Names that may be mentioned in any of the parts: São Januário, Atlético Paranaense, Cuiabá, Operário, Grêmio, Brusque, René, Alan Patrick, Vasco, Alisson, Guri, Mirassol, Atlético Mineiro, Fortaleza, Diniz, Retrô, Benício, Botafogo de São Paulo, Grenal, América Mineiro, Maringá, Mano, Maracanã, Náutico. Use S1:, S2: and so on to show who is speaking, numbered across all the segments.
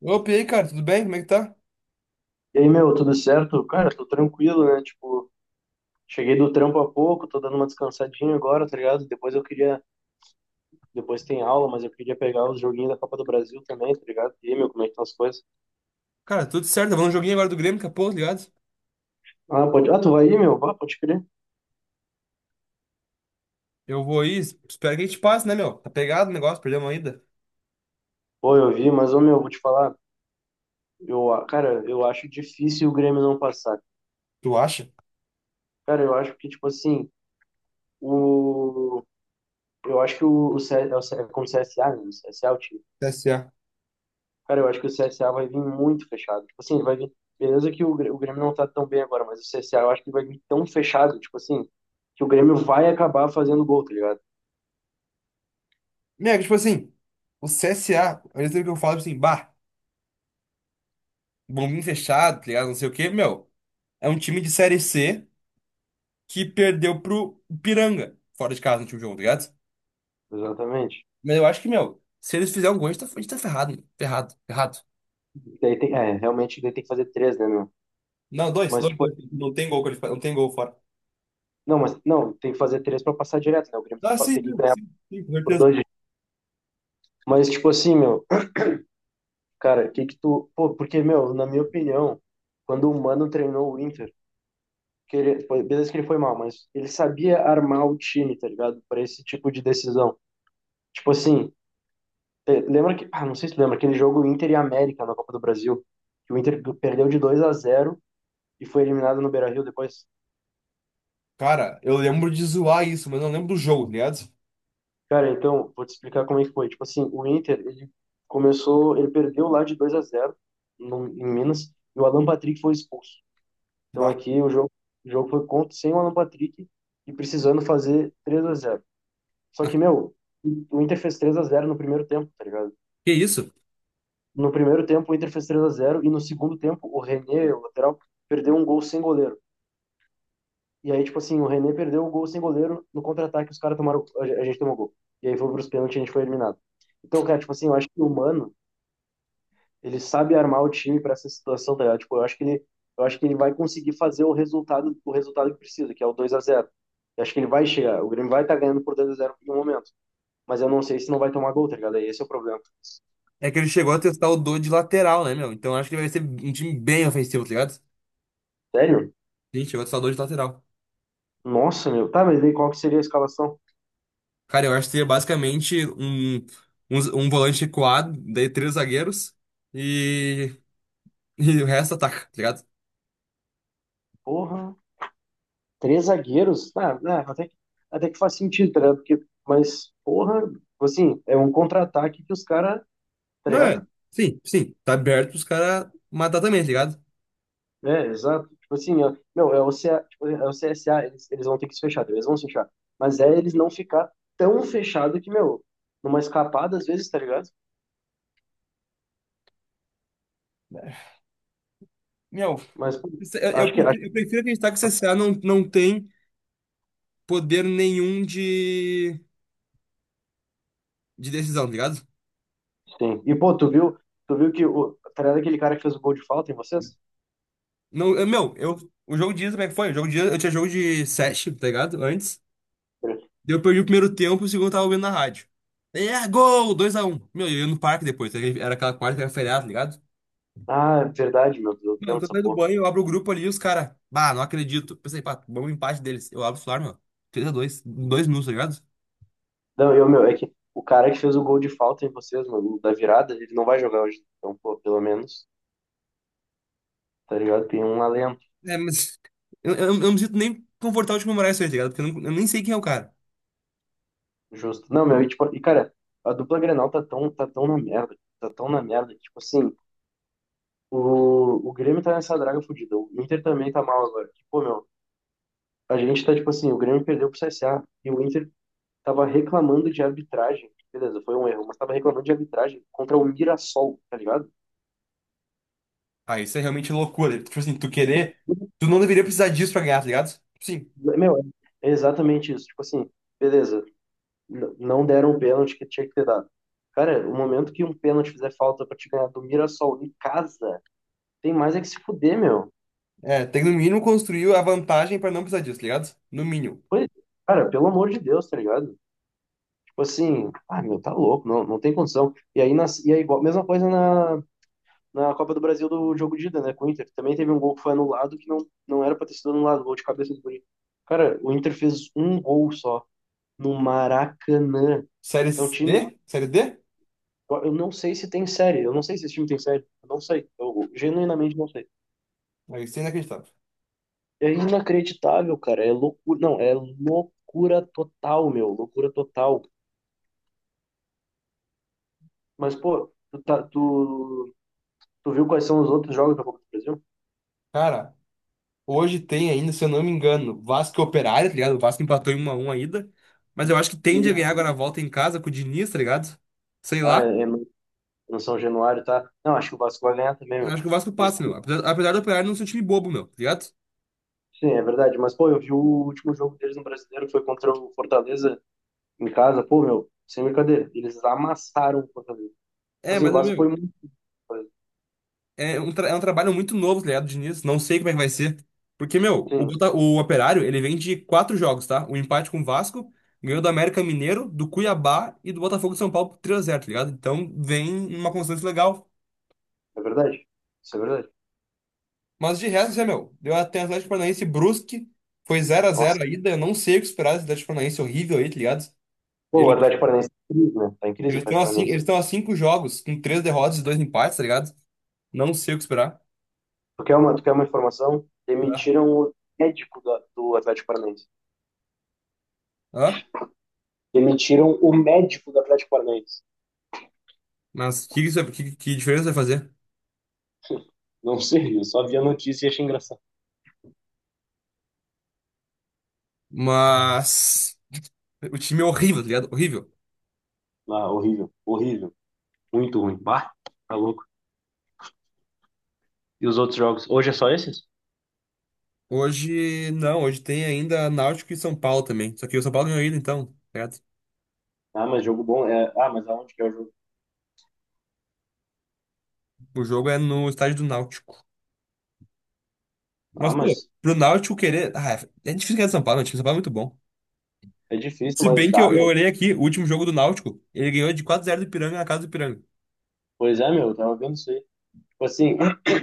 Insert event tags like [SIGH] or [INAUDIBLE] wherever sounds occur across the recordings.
S1: Opa, e aí, cara, tudo bem? Como é que tá?
S2: E aí, meu, tudo certo? Cara, tô tranquilo, né? Tipo, cheguei do trampo há pouco, tô dando uma descansadinha agora, tá ligado? Depois tem aula, mas eu queria pegar os joguinhos da Copa do Brasil também, tá ligado? E aí, meu, como é que estão as coisas?
S1: Cara, tudo certo. Vamos no joguinho agora do Grêmio, daqui a pouco, tá ligado?
S2: Ah, pode, tu vai aí, meu? Ah, pode crer.
S1: Eu vou aí, espero que a gente passe, né, meu? Tá pegado o negócio, perdemos ainda.
S2: Pô, eu vi, mas, ô, meu, vou te falar, cara, eu acho difícil o Grêmio não passar.
S1: Tu acha?
S2: Cara, eu acho que, tipo assim, o, eu acho que é como CSA, né? O CSA.
S1: CSA.
S2: Cara, eu acho que o C S A vai vir muito fechado. Tipo assim, ele vai vir. Beleza que o Grêmio não tá tão bem agora, mas o C CSA eu acho que vai vir tão fechado, tipo assim, que o Grêmio vai acabar fazendo gol, tá ligado?
S1: Meu, é que, tipo assim, o C S A, ao mesmo tempo que eu falo, tipo assim, bah, bombinho fechado, tá ligado? Não sei o quê, meu. É um time de Série C que perdeu pro Ipiranga, fora de casa no último jogo, tá ligado?
S2: Exatamente.
S1: Mas eu acho que, meu, se eles fizerem um gol, a gente tá ferrado, meu. Ferrado, ferrado.
S2: É, realmente daí tem que fazer três, né, meu?
S1: Não, dois,
S2: Mas,
S1: dois,
S2: tipo,
S1: dois. Não tem gol qualificado, não tem gol fora.
S2: não, tem que fazer três pra passar direto, né? O Grêmio tem
S1: Ah,
S2: que, pa-
S1: sim,
S2: tem que
S1: não,
S2: ganhar
S1: sim, sim, com
S2: por
S1: certeza.
S2: dois. Mas, tipo assim, meu, cara, que tu. Pô, porque, meu, na minha opinião, quando o Mano treinou o Inter, beleza que ele foi mal, mas ele sabia armar o time, tá ligado? Pra esse tipo de decisão. Tipo assim, lembra que, não sei se tu lembra, aquele jogo Inter e América na Copa do Brasil, que o Inter perdeu de 2 a 0 e foi eliminado no Beira-Rio depois.
S1: Cara, eu lembro de zoar isso, mas não lembro do jogo, tá ligado?
S2: Cara, então, vou te explicar como é que foi. Tipo assim, o Inter, ele perdeu lá de 2 a 0 no, em Minas, e o Alan Patrick foi expulso. Então
S1: Bah.
S2: aqui o jogo foi contra sem o Alan Patrick e precisando fazer 3 a 0. Só que, meu, o Inter fez 3 a 0 no primeiro tempo, tá ligado?
S1: Que isso?
S2: No primeiro tempo o Inter fez 3 a 0 e no segundo tempo o René, o lateral, perdeu um gol sem goleiro. E aí, tipo assim, o René perdeu o gol sem goleiro no contra-ataque, os caras tomaram. A gente tomou gol. E aí foi pros pênaltis e a gente foi eliminado. Então, cara, tipo assim, eu acho que o Mano, ele sabe armar o time pra essa situação, tá ligado? Tipo, eu acho que ele vai conseguir fazer o resultado que precisa, que é o 2 a 0. Eu acho que ele vai chegar. O Grêmio vai estar ganhando por 2 a 0 em um momento. Mas eu não sei se não vai tomar gol, tá ligado? Aí, esse é o problema.
S1: É que ele chegou a testar o Dodge de lateral, né, meu? Então eu acho que ele vai ser um time bem ofensivo, tá ligado?
S2: Sério?
S1: Ele chegou a testar o Dodge de lateral.
S2: Nossa, meu. Tá, mas daí qual que seria a escalação?
S1: Cara, eu acho que seria basicamente um volante recuado, daí três zagueiros e, e o resto ataca, tá ligado?
S2: Porra. Três zagueiros, tá, né, até que faz sentido, né? Porque, mas, porra, tipo assim, é um contra-ataque que os caras, tá
S1: Não é?
S2: ligado?
S1: Sim, sim. Tá aberto pros caras matar também, tá ligado?
S2: É, exato. Tipo assim, ó, meu, tipo, é o CSA, eles vão ter que se fechar, eles vão se fechar. Mas é eles não ficar tão fechado que, meu, numa escapada às vezes, tá ligado?
S1: Meu,
S2: Mas pô,
S1: Eu, eu
S2: acho que, acho
S1: prefiro, eu prefiro acreditar que o CSA não tem poder nenhum de decisão, tá ligado?
S2: que sim. E, pô, tu viu tá ligado aquele cara que fez o gol de falta em vocês?
S1: Não, meu, o jogo de ida, como é que foi? O jogo de ida, eu tinha jogo de sete, tá ligado? Antes. Daí eu perdi o primeiro tempo, o segundo eu tava ouvindo na rádio. É, gol! 2-1. Meu, eu ia no parque depois, era aquela quarta que era feriado, tá ligado?
S2: Ah, é verdade, meu Deus,
S1: Meu, eu
S2: lembro
S1: tô
S2: dessa
S1: saindo do
S2: porra.
S1: banho, eu abro o grupo ali e os caras. Bah, não acredito. Pensei, pá, vamos empate deles. Eu abro o celular, meu. 3x2, em 2 minutos, tá ligado?
S2: Não, meu, é que o cara que fez o gol de falta em vocês, mano, da virada, ele não vai jogar hoje. Então, pô, pelo menos, tá ligado? Tem um alento
S1: É, mas. Eu não me sinto nem confortável de comemorar isso aí, tá ligado? Porque eu nem sei quem é o cara.
S2: justo. Não, meu, e, tipo, cara, a dupla Grenal tá tão na merda, tá tão na merda, que, tipo assim, o Grêmio tá nessa draga fodida, o Inter também tá mal agora. Que, pô, meu, tipo assim, o Grêmio perdeu pro CSA e o Inter tava reclamando de arbitragem. Beleza, foi um erro, mas tava reclamando de arbitragem contra o Mirassol, tá ligado?
S1: Ah, isso é realmente loucura. Tipo assim, tu querer. Tu não deveria precisar disso pra ganhar, tá ligado? Sim.
S2: Meu, é exatamente isso. Tipo assim, beleza, não deram o pênalti que tinha que ter dado. Cara, o momento que um pênalti fizer falta pra te ganhar do Mirassol em casa, tem mais é que se fuder, meu.
S1: É, tem que no mínimo construir a vantagem pra não precisar disso, tá ligado? No mínimo.
S2: Foi, cara, pelo amor de Deus, tá ligado? Tipo assim, meu, tá louco, não, não tem condição. E aí, e aí igual, mesma coisa na Copa do Brasil do jogo de ida, né, com o Inter. Também teve um gol que foi anulado que não era pra ter sido anulado, gol de cabeça do Guri. Cara, o Inter fez um gol só no Maracanã.
S1: Série
S2: É um time.
S1: D? Série D?
S2: Eu não sei se tem série, eu não sei se esse time tem série, eu não sei, eu genuinamente não sei.
S1: Aí, isso é inacreditável.
S2: É inacreditável, cara, é loucura, não, é loucura total, meu, loucura total. Mas, pô, tu viu quais são os outros jogos da Copa do Brasil?
S1: Cara, hoje tem ainda, se eu não me engano, Vasco e Operário, tá ligado? O Vasco empatou em 1x1 ainda. Mas eu acho que tende
S2: E,
S1: a ganhar agora a volta em casa com o Diniz, tá ligado? Sei lá.
S2: é no São Januário, tá? Não, acho que o Vasco vai ganhar também,
S1: Eu
S2: meu.
S1: acho que o Vasco
S2: Eles-
S1: passa, meu. Apesar do Operário não ser um time bobo, meu, tá ligado?
S2: sim, é verdade, mas, pô, eu vi o último jogo deles no Brasileiro, que foi contra o Fortaleza em casa, pô, meu, sem brincadeira, eles amassaram o Fortaleza. Tipo
S1: É,
S2: assim, o
S1: mas,
S2: Vasco foi
S1: meu,
S2: muito.
S1: É um trabalho muito novo, tá ligado, Diniz? Não sei como é que vai ser. Porque, meu, o,
S2: Sim,
S1: Bota- o Operário, ele vem de quatro jogos, tá? O empate com o Vasco, ganhou do América Mineiro, do Cuiabá e do Botafogo de São Paulo por 3-0, tá ligado? Então, vem uma constância legal.
S2: é verdade. Isso é verdade.
S1: Mas de resto, é, meu, deu até Atlético Paranaense e Brusque, foi 0 a
S2: Nossa.
S1: 0 a ida, eu não sei o que esperar desse Atlético Paranaense horrível aí, tá ligado?
S2: Pô, o
S1: Ele-
S2: Atlético Paranaense tá em crise, né? Tá em crise o
S1: Eles estão
S2: Atlético
S1: a, cin-
S2: Paranaense.
S1: eles estão a cinco jogos, com três derrotas e dois empates, tá ligado? Não sei o que esperar.
S2: Tu quer uma informação?
S1: Ah,
S2: Demitiram o médico do Atlético Paranaense.
S1: ah,
S2: Demitiram o médico do Atlético Paranaense.
S1: mas que diferença vai fazer?
S2: Não sei, eu só vi a notícia e achei engraçado.
S1: Mas o time é horrível, tá ligado? Horrível.
S2: Ah, horrível, horrível. Muito ruim. Bah, tá louco. E os outros jogos? Hoje é só esses?
S1: Hoje, não, hoje tem ainda Náutico e São Paulo também. Só que o São Paulo ganhou ainda, então, tá ligado?
S2: Ah, mas jogo bom é. Ah, mas aonde que é o jogo?
S1: O jogo é no estádio do Náutico.
S2: Ah,
S1: Mas, pô,
S2: mas
S1: pro Náutico querer. Ah, é difícil ganhar do São Paulo, né? O time do São Paulo é muito bom.
S2: é difícil,
S1: Se
S2: mas
S1: bem que
S2: dá,
S1: eu
S2: meu.
S1: olhei aqui, o último jogo do Náutico, ele ganhou de quatro x 0 do Ipiranga na casa do Ipiranga.
S2: Pois é, meu, eu tava vendo isso aí. Tipo assim, [CLEARS THROAT]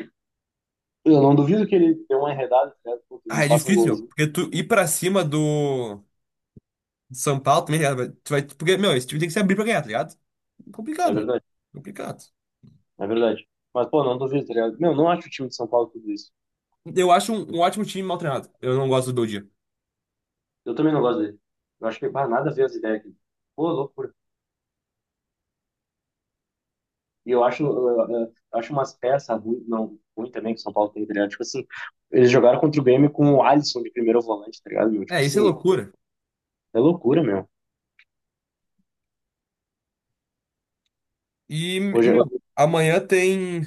S2: eu não duvido que ele dê uma enredada, né? Pô, que
S1: Ah,
S2: eles
S1: é
S2: façam um
S1: difícil, meu,
S2: golzinho.
S1: porque tu ir pra cima do São Paulo também, tá ligado? Tu vai, porque, meu, esse time tem que se abrir pra ganhar, tá ligado?
S2: É
S1: Complicado, meu.
S2: verdade.
S1: Complicado.
S2: É verdade. Mas, pô, não duvido, tá ligado? Meu, não acho o time de São Paulo tudo isso.
S1: Eu acho um ótimo time mal treinado. Eu não gosto do Bom.
S2: Eu também não gosto dele. Eu acho que, bah, nada a ver as ideias aqui. Pô, loucura. E eu acho umas peças ruins, não, ruim também que o São Paulo tem, tá ligado? Tipo assim, eles jogaram contra o Grêmio com o Alisson de primeiro volante, tá ligado, meu? Tipo
S1: É, isso é
S2: assim,
S1: loucura.
S2: é loucura, meu.
S1: E,
S2: Hoje,
S1: meu,
S2: hoje...
S1: amanhã tem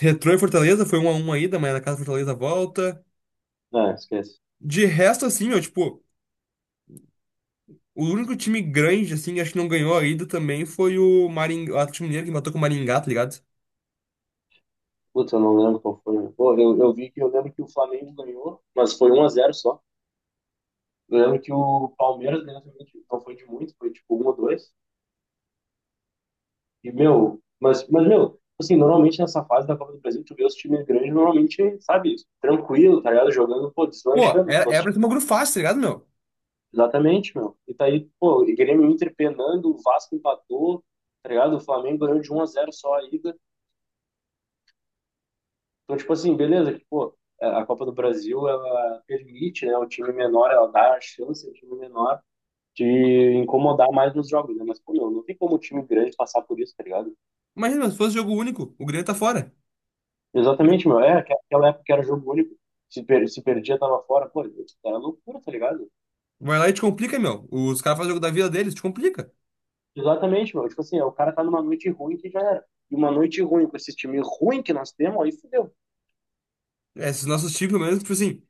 S1: Retrô e Fortaleza, foi 1-1 ainda, amanhã na casa do Fortaleza volta.
S2: Ah, esquece.
S1: De resto, assim, meu, tipo, o único time grande, assim, acho que não ganhou ainda também foi o Maringá, o Atlético Mineiro que matou com o Maringá, tá ligado?
S2: Putz, eu não lembro qual foi, meu. Pô, eu lembro que o Flamengo ganhou, mas foi 1 a 0 só. Eu lembro que o Palmeiras ganhou também, tipo, não foi de muito, foi tipo um ou dois. E, meu, meu, assim, normalmente nessa fase da Copa do Brasil, tu vê os times grandes, normalmente, sabe, tranquilo, tá ligado? Jogando, pô,
S1: Pô,
S2: deslanchando
S1: era,
S2: dos
S1: era
S2: outros.
S1: pra ser uma grupo fácil, tá ligado, meu?
S2: Exatamente, meu. E tá aí, pô, e Grêmio e Inter penando, o Vasco empatou, tá ligado? O Flamengo ganhou de 1 a 0 só a ida. Então, tipo assim, beleza, que, pô, é, a Copa do Brasil, ela permite, né, ela dá a chance ao time menor de incomodar mais nos jogos, né? Mas, pô, meu, não tem como o time grande passar por isso, tá ligado?
S1: Imagina, se fosse jogo único, o Grêmio tá fora.
S2: Exatamente, meu. É, aquela época que era jogo único. Se perdia, tava fora. Pô, era loucura, tá ligado?
S1: Vai lá e te complica, meu. Os caras fazem o jogo da vida deles, te complica.
S2: Exatamente, meu. Tipo assim, é, o cara tá numa noite ruim que já era. E uma noite ruim com esse time ruim que nós temos, aí fudeu.
S1: É, esses nossos times, pelo menos, tipo assim,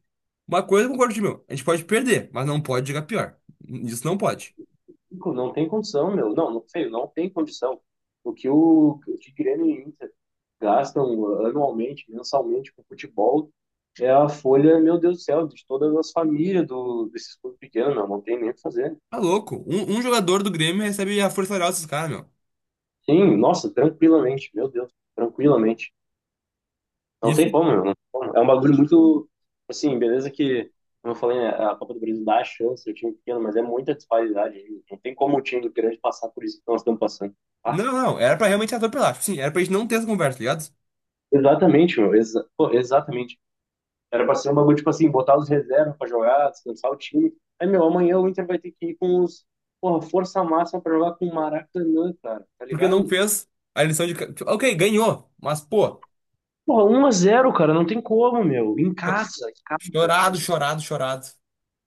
S1: uma coisa eu concordo, meu, a gente pode perder, mas não pode jogar pior. Isso não pode.
S2: Nico, não tem condição, meu. Não, não, feio, não tem condição. O que Grêmio e Inter gastam anualmente, mensalmente com futebol, é a folha, meu Deus do céu, de todas as famílias desses clubes pequenos, meu. Não tem nem o que fazer.
S1: Tá louco. Um jogador do Grêmio recebe a força salarial desses caras, meu.
S2: Sim, nossa, tranquilamente, meu Deus, tranquilamente. Não
S1: Isso.
S2: tem como, meu, não tem como. É um bagulho muito. Assim, beleza que, como eu falei, né, a Copa do Brasil dá a chance ao time é pequeno, mas é muita disparidade. Hein? Não tem como o time do grande passar por isso que nós estamos passando. Ah,
S1: Não, não. Era pra realmente atropelar. Tipo, sim, era pra gente não ter essa conversa, tá ligado?
S2: exatamente, meu. Exatamente. Era pra ser um bagulho, tipo assim, botar os reservas pra jogar, descansar o time. Aí, meu, amanhã o Inter vai ter que ir com os. Porra, força máxima pra jogar com o Maracanã, cara. Tá
S1: Porque não
S2: ligado?
S1: fez a lição tipo, Ok, ganhou. Mas, pô,
S2: Porra, 1 a 0, cara. Não tem como, meu.
S1: cho-
S2: Em casa,
S1: chorado,
S2: velho.
S1: chorado, chorado.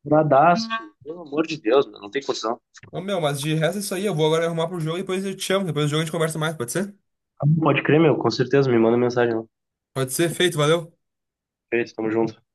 S2: Bradaço. Pelo amor de Deus, meu. Não tem condição.
S1: Ô, meu, mas de resto é isso aí. Eu vou agora arrumar pro jogo e depois eu te chamo. Depois do jogo a gente conversa mais, pode ser?
S2: Ah, pode crer, meu, com certeza, me manda mensagem lá.
S1: Pode ser, feito, valeu.
S2: Perfeito, tamo junto.